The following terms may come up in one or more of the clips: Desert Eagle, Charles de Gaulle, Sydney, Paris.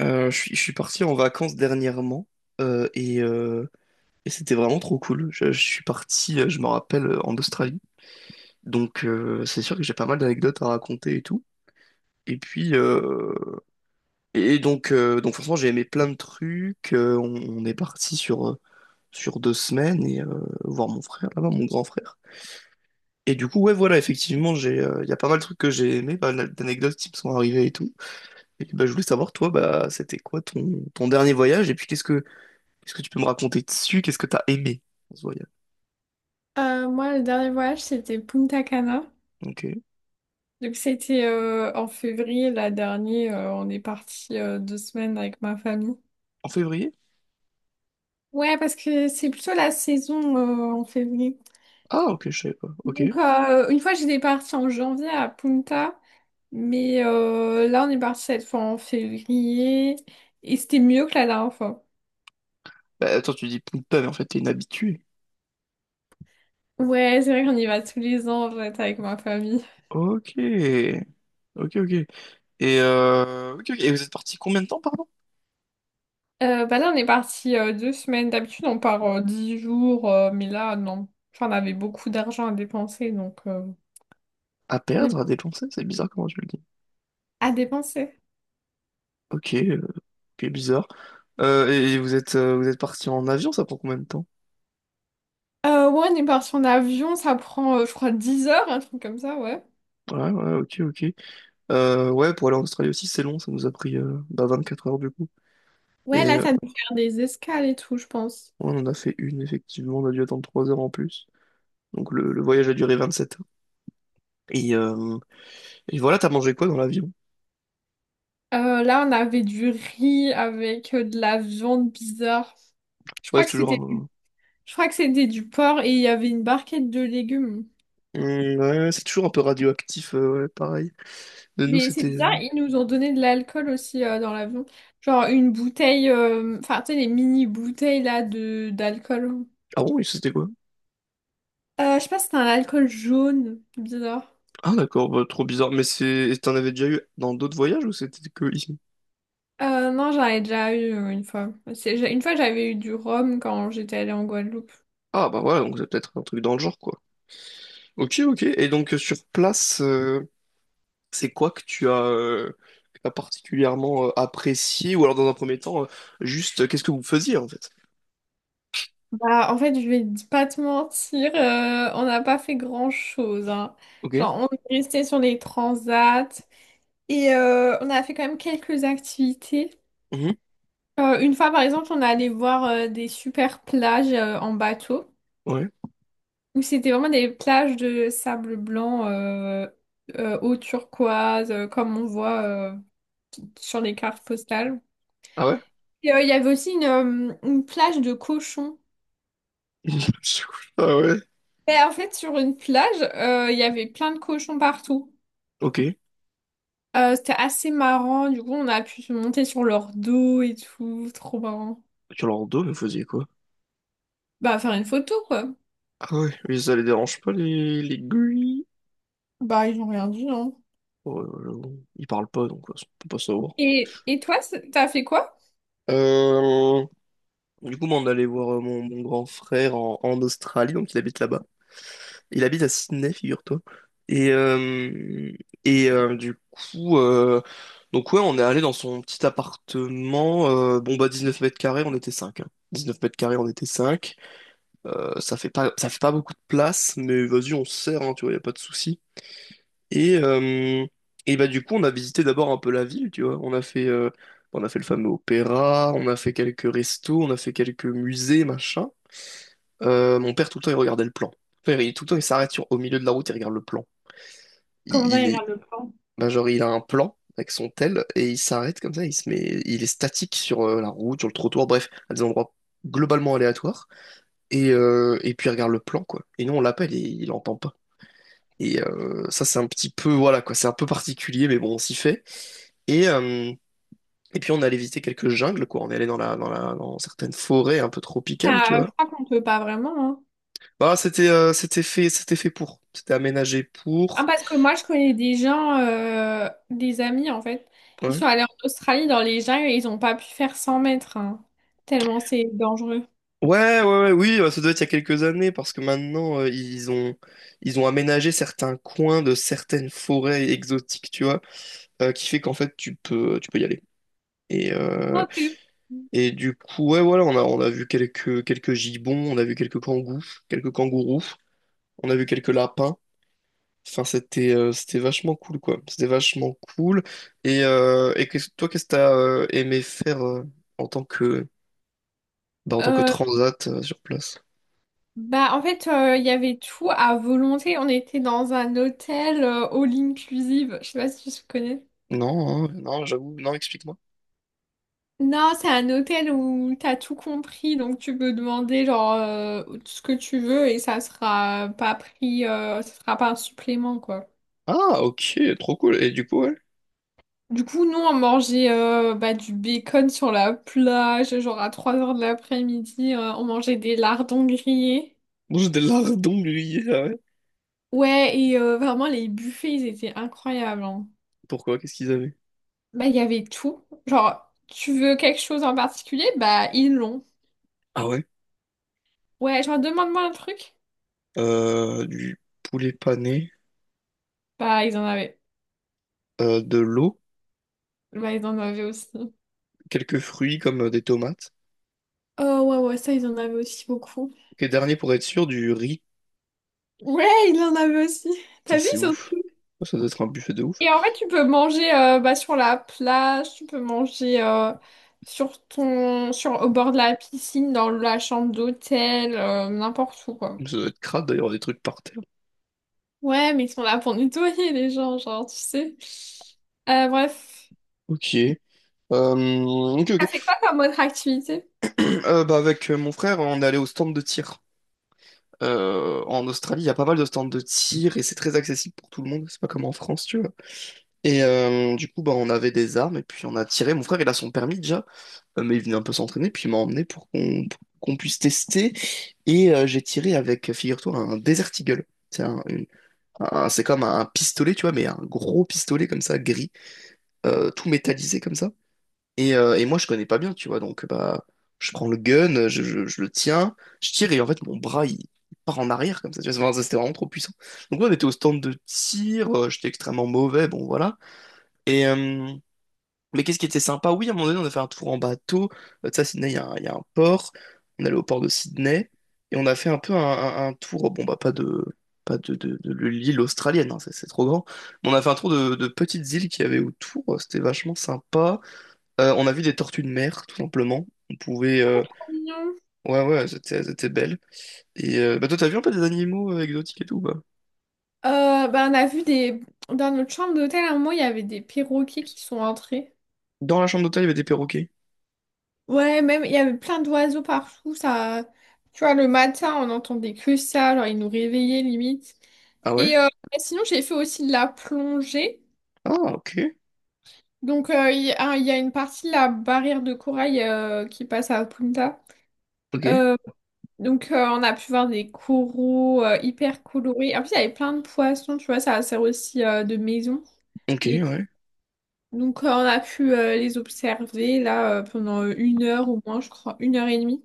Je suis parti en vacances dernièrement euh, et, euh, et c'était vraiment trop cool. Je suis parti, je me rappelle, en Australie. Donc, c'est sûr que j'ai pas mal d'anecdotes à raconter et tout. Et puis et donc franchement j'ai aimé plein de trucs. On est parti sur 2 semaines voir mon frère là-bas, mon grand frère. Et du coup, ouais, voilà, effectivement j'ai il y a pas mal de trucs que j'ai aimé, pas mal d'anecdotes qui me sont arrivées et tout. Et bah, je voulais savoir, toi bah c'était quoi ton dernier voyage et puis qu'est-ce que Est-ce que tu peux me raconter dessus? Qu'est-ce que t'as aimé dans ce voyage? Moi, le dernier voyage, c'était Punta Cana. Ok. Donc, c'était en février, la dernière. On est parti 2 semaines avec ma famille. En février? Ouais, parce que c'est plutôt la saison en février. Ah, ok, je savais pas. Ok. Donc, une fois, j'étais partie en janvier à Punta. Mais là, on est parti cette fois en février. Et c'était mieux que la dernière fois. Bah, attends, tu dis Punta, mais en fait, t'es une habituée. Ouais, c'est vrai qu'on y va tous les ans, en fait, avec ma famille. Ok. Ok, ok. Ok, ok. Et vous êtes parti combien de temps, pardon? Bah là, on est parti 2 semaines. D'habitude, on part 10 jours, mais là, non. Enfin, on avait beaucoup d'argent à dépenser, donc À on est perdre, à parti- dépenser? C'est bizarre comment tu le dis. à dépenser. Ok, ok, bizarre. Et vous êtes parti en avion, ça prend combien de temps? Ouais, on est parti en avion, ça prend, je crois, 10 heures, un truc comme ça, ouais. Ouais, ouais, ok, ok. Ouais, pour aller en Australie aussi, c'est long, ça nous a pris 24 heures du coup. Ouais, là, Ouais, ça dû faire des escales et tout, je pense. on en a fait une, effectivement, on a dû attendre 3 heures en plus. Donc le voyage a duré 27 heures. Et, euh, et voilà, t'as mangé quoi dans l'avion? Là, on avait du riz avec de la viande bizarre. Je Ouais, crois c'est que toujours c'était, un... je crois que c'était du porc et il y avait une barquette de légumes. Hum, ouais, c'est toujours un peu radioactif, ouais, pareil. De nous, Mais c'est c'était... bizarre, ils nous ont donné de l'alcool aussi dans l'avion. Genre une bouteille, enfin tu sais, les mini bouteilles là de d'alcool. Ah bon, et c'était quoi? Je sais pas si c'était un alcool jaune, bizarre. Ah, d'accord, bah, trop bizarre. Mais c'est... T'en avais déjà eu dans d'autres voyages ou c'était que ici? Non, j'en ai déjà eu une fois. Une fois, j'avais eu du rhum quand j'étais allée en Guadeloupe. Ah, bah, voilà, donc c'est peut-être un truc dans le genre, quoi. Ok, ok. Et sur place, c'est quoi que tu as... que t'as particulièrement apprécié ou alors dans un premier temps juste qu'est-ce que vous faisiez en fait? Bah, en fait, je vais pas te mentir, on n'a pas fait grand-chose, hein. Ok. Genre, on est resté sur les transats et on a fait quand même quelques activités. Mhm. Une fois, par exemple, on est allé voir des super plages en bateau, Ouais. où c'était vraiment des plages de sable blanc, eau turquoise, comme on voit sur les cartes postales. Ah, ouais. Il y avait aussi une plage de cochons. Ah, ouais. Et en fait, sur une plage, il y avait plein de cochons partout. Ok. C'était assez marrant. Du coup, on a pu se monter sur leur dos et tout. Trop marrant. Orlando, mais vous faisiez quoi? Bah, faire une photo, quoi. Ah, ouais, mais ça les dérange pas, les gris? Bah, ils ont rien dit, hein. Ouais, ouais, ouais, ils parlent pas, donc ouais, on peut pas savoir. Et toi, t'as fait quoi? Euh, Du coup, moi, on allait voir mon grand frère en Australie, donc il habite là-bas. Il habite à Sydney, figure-toi. Et, euh, et euh, du coup, euh, donc ouais, on est allé dans son petit appartement. Bon, bah, 19 m², on était cinq. 19 m², on était cinq. Ça fait pas beaucoup de place, mais vas-y, on se sert, hein, tu vois, y a pas de souci. Et, euh, et bah, du coup, on a visité d'abord un peu la ville, tu vois. On a fait le fameux opéra, on a fait quelques restos, on a fait quelques musées, machin. Mon père, tout le temps, il regardait le plan. Mon père, il, tout le temps, il s'arrête au milieu de la route, il regarde le plan. Comment Il, ça, il il est, regarde le plan? Bah, genre, il a un plan avec son tel et il s'arrête comme ça, il se met, il est statique sur la route, sur le trottoir, bref, à des endroits globalement aléatoires. Et puis, il regarde le plan, quoi. Et nous, on l'appelle et il entend pas. Ça, c'est un petit peu, voilà, quoi, c'est un peu particulier, mais bon, on s'y fait. Et, euh, et puis on allait visiter quelques jungles, quoi. On est allé dans certaines forêts un peu tropicales, tu Ah, vois. je crois qu'on peut pas vraiment, hein. Bah, c'était fait pour. C'était aménagé Ah, pour. parce que moi, je connais des gens, des amis en fait. Ils Ouais. sont allés en Australie dans les jungles et ils ont pas pu faire 100 mètres, hein. Tellement c'est dangereux. Ouais, ouais, ouais, oui, ça doit être il y a quelques années, parce que maintenant, ils ont aménagé certains coins de certaines forêts exotiques, tu vois, qui fait qu'en fait, tu peux y aller. Et, euh, Ok. et du coup, ouais, voilà, on a vu quelques gibbons, on a vu quelques kangous, quelques kangourous, on a vu quelques lapins. Enfin, c'était vachement cool, quoi. C'était vachement cool. Et toi, qu'est-ce que t'as aimé faire en tant que bah, en tant que Euh, transat sur place? Bah, en fait, il y avait tout à volonté. On était dans un hôtel all inclusive. Je sais pas si tu connais. Non, hein, non, j'avoue, non, explique-moi. Non, c'est un hôtel où t'as tout compris, donc tu peux demander genre ce que tu veux et ça sera pas un supplément quoi. Ah, ok, trop cool. Et du coup, ouais. Du coup, nous on mangeait bah, du bacon sur la plage, genre à 3 heures de l'après-midi, on mangeait des lardons grillés. Mange des lardons grillés, ah, ouais. Ouais, et vraiment les buffets ils étaient incroyables, hein. Pourquoi? Qu'est-ce qu'ils avaient? Bah, il y avait tout. Genre, tu veux quelque chose en particulier? Bah, ils l'ont. Ah, ouais. Ouais, genre, demande-moi un truc. Du poulet pané, Bah, ils en avaient. De l'eau, Bah, ils en avaient aussi. quelques fruits comme des tomates. Oh ouais, ouais, ça, ils en avaient aussi beaucoup. Ok, dernier pour être sûr, du riz. Ouais, ils en avaient aussi. Putain, T'as vu, c'est ouf. surtout. Ça doit être un buffet de ouf. Et en fait, tu peux manger bah, sur la plage, tu peux manger au bord de la piscine, dans la chambre d'hôtel, n'importe où, quoi. Ça doit être crade d'ailleurs, des trucs par terre. Ouais, mais ils sont là pour nettoyer les gens, genre, tu sais. Bref. Ok. Ok, T'as fait quoi ok. comme autre activité? Bah, avec mon frère, on est allé au stand de tir. En Australie, il y a pas mal de stands de tir et c'est très accessible pour tout le monde. C'est pas comme en France, tu vois. Du coup, bah, on avait des armes et puis on a tiré. Mon frère, il a son permis déjà, mais il venait un peu s'entraîner. Puis il m'a emmené pour qu'on puisse tester. J'ai tiré avec, figure-toi, un Desert Eagle. C'est un, une- c'est comme un pistolet, tu vois, mais un gros pistolet comme ça, gris, tout métallisé comme ça. Et moi, je connais pas bien, tu vois, donc bah, je prends le gun, je le tiens, je tire et en fait, mon bras, il part en arrière comme ça, tu vois, c'était vraiment trop puissant. Donc, ouais, on était au stand de tir, j'étais extrêmement mauvais, bon, voilà. Et, euh, mais qu'est-ce qui était sympa? Oui, à un moment donné, on a fait un tour en bateau. Tu sais, à Sydney, il y a un port, on est allé au port de Sydney, et on a fait un peu un tour, bon, bah, pas de, pas de, de l'île australienne, hein, c'est trop grand, mais on a fait un tour de petites îles qu'il y avait autour, c'était vachement sympa. On a vu des tortues de mer, tout simplement. On pouvait... Mignon. Ouais, ouais, c'était belle. Bah, toi, t'as vu un peu des animaux exotiques et tout, bah. Bah, on a vu des... Dans notre chambre d'hôtel, à un moment, il y avait des perroquets qui sont entrés. Dans la chambre d'hôtel, il y avait des perroquets. Ouais, même, il y avait plein d'oiseaux partout. Ça... Tu vois, le matin, on entendait que ça. Genre, ils nous réveillaient, limite. Ah, ouais? Et bah, sinon, j'ai fait aussi de la plongée. Ah, ok. Donc, il y a une partie de la barrière de corail qui passe à Punta. Ok. Euh, donc, on a pu voir des coraux hyper colorés. En plus, il y avait plein de poissons, tu vois, ça sert aussi de maison. Ok, Les ouais. Donc, on a pu les observer là pendant 1 heure au moins, je crois, 1 heure et demie.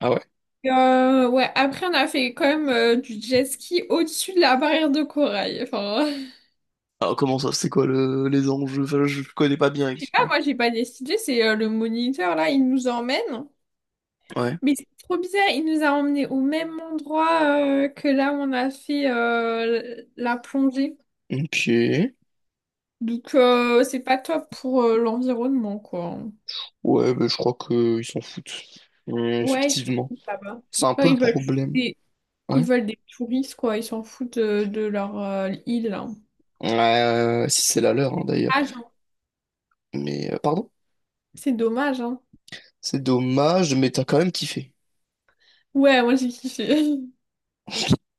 Ah, ouais? Ouais, après, on a fait quand même du jet ski au-dessus de la barrière de corail. Enfin, Alors, comment ça? C'est quoi le... les enjeux? Enfin, je connais pas bien, là, excuse-moi. moi, j'ai pas décidé, c'est le moniteur là, il nous emmène. Ouais. Mais c'est trop bizarre, il nous a emmenés au même endroit que là où on a fait la plongée. Ok. Donc, c'est pas top pour l'environnement, quoi. Ouais, bah, je crois qu'ils s'en foutent. Ouais, Ouais, ils sont effectivement. tous là-bas. C'est un Genre, peu le problème. Ils Ouais. veulent des touristes, quoi. Ils s'en foutent de leur île, là. Si c'est la leur, hein, d'ailleurs. Ah, genre... Mais, pardon? C'est dommage, hein. C'est dommage, mais t'as quand même kiffé. Ouais, moi j'ai kiffé.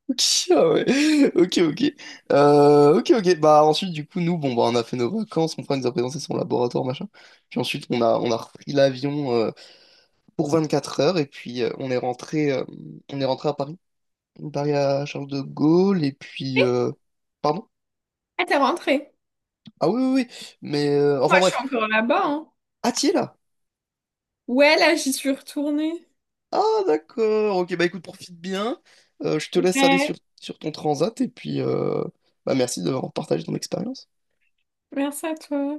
Ok. Ah, ouais. Ok, ok. Ok, ok. Bah, ensuite, du coup, nous, bon, bah on a fait nos vacances, mon frère nous a présenté son laboratoire, machin. Puis ensuite, on a repris l'avion pour 4 heures et puis on est rentré à Paris. Paris à Charles de Gaulle et puis, pardon? Ah, t'es rentrée. Ah, oui, oui, oui. Moi, Enfin, je bref. suis encore là-bas, hein. Ah, t'y es là? Ouais, là, j'y suis retournée. Ah, d'accord. Ok, bah, écoute, profite bien. Je te laisse aller Ouais, sur ton transat et puis, bah, merci d'avoir partagé ton expérience. merci à toi.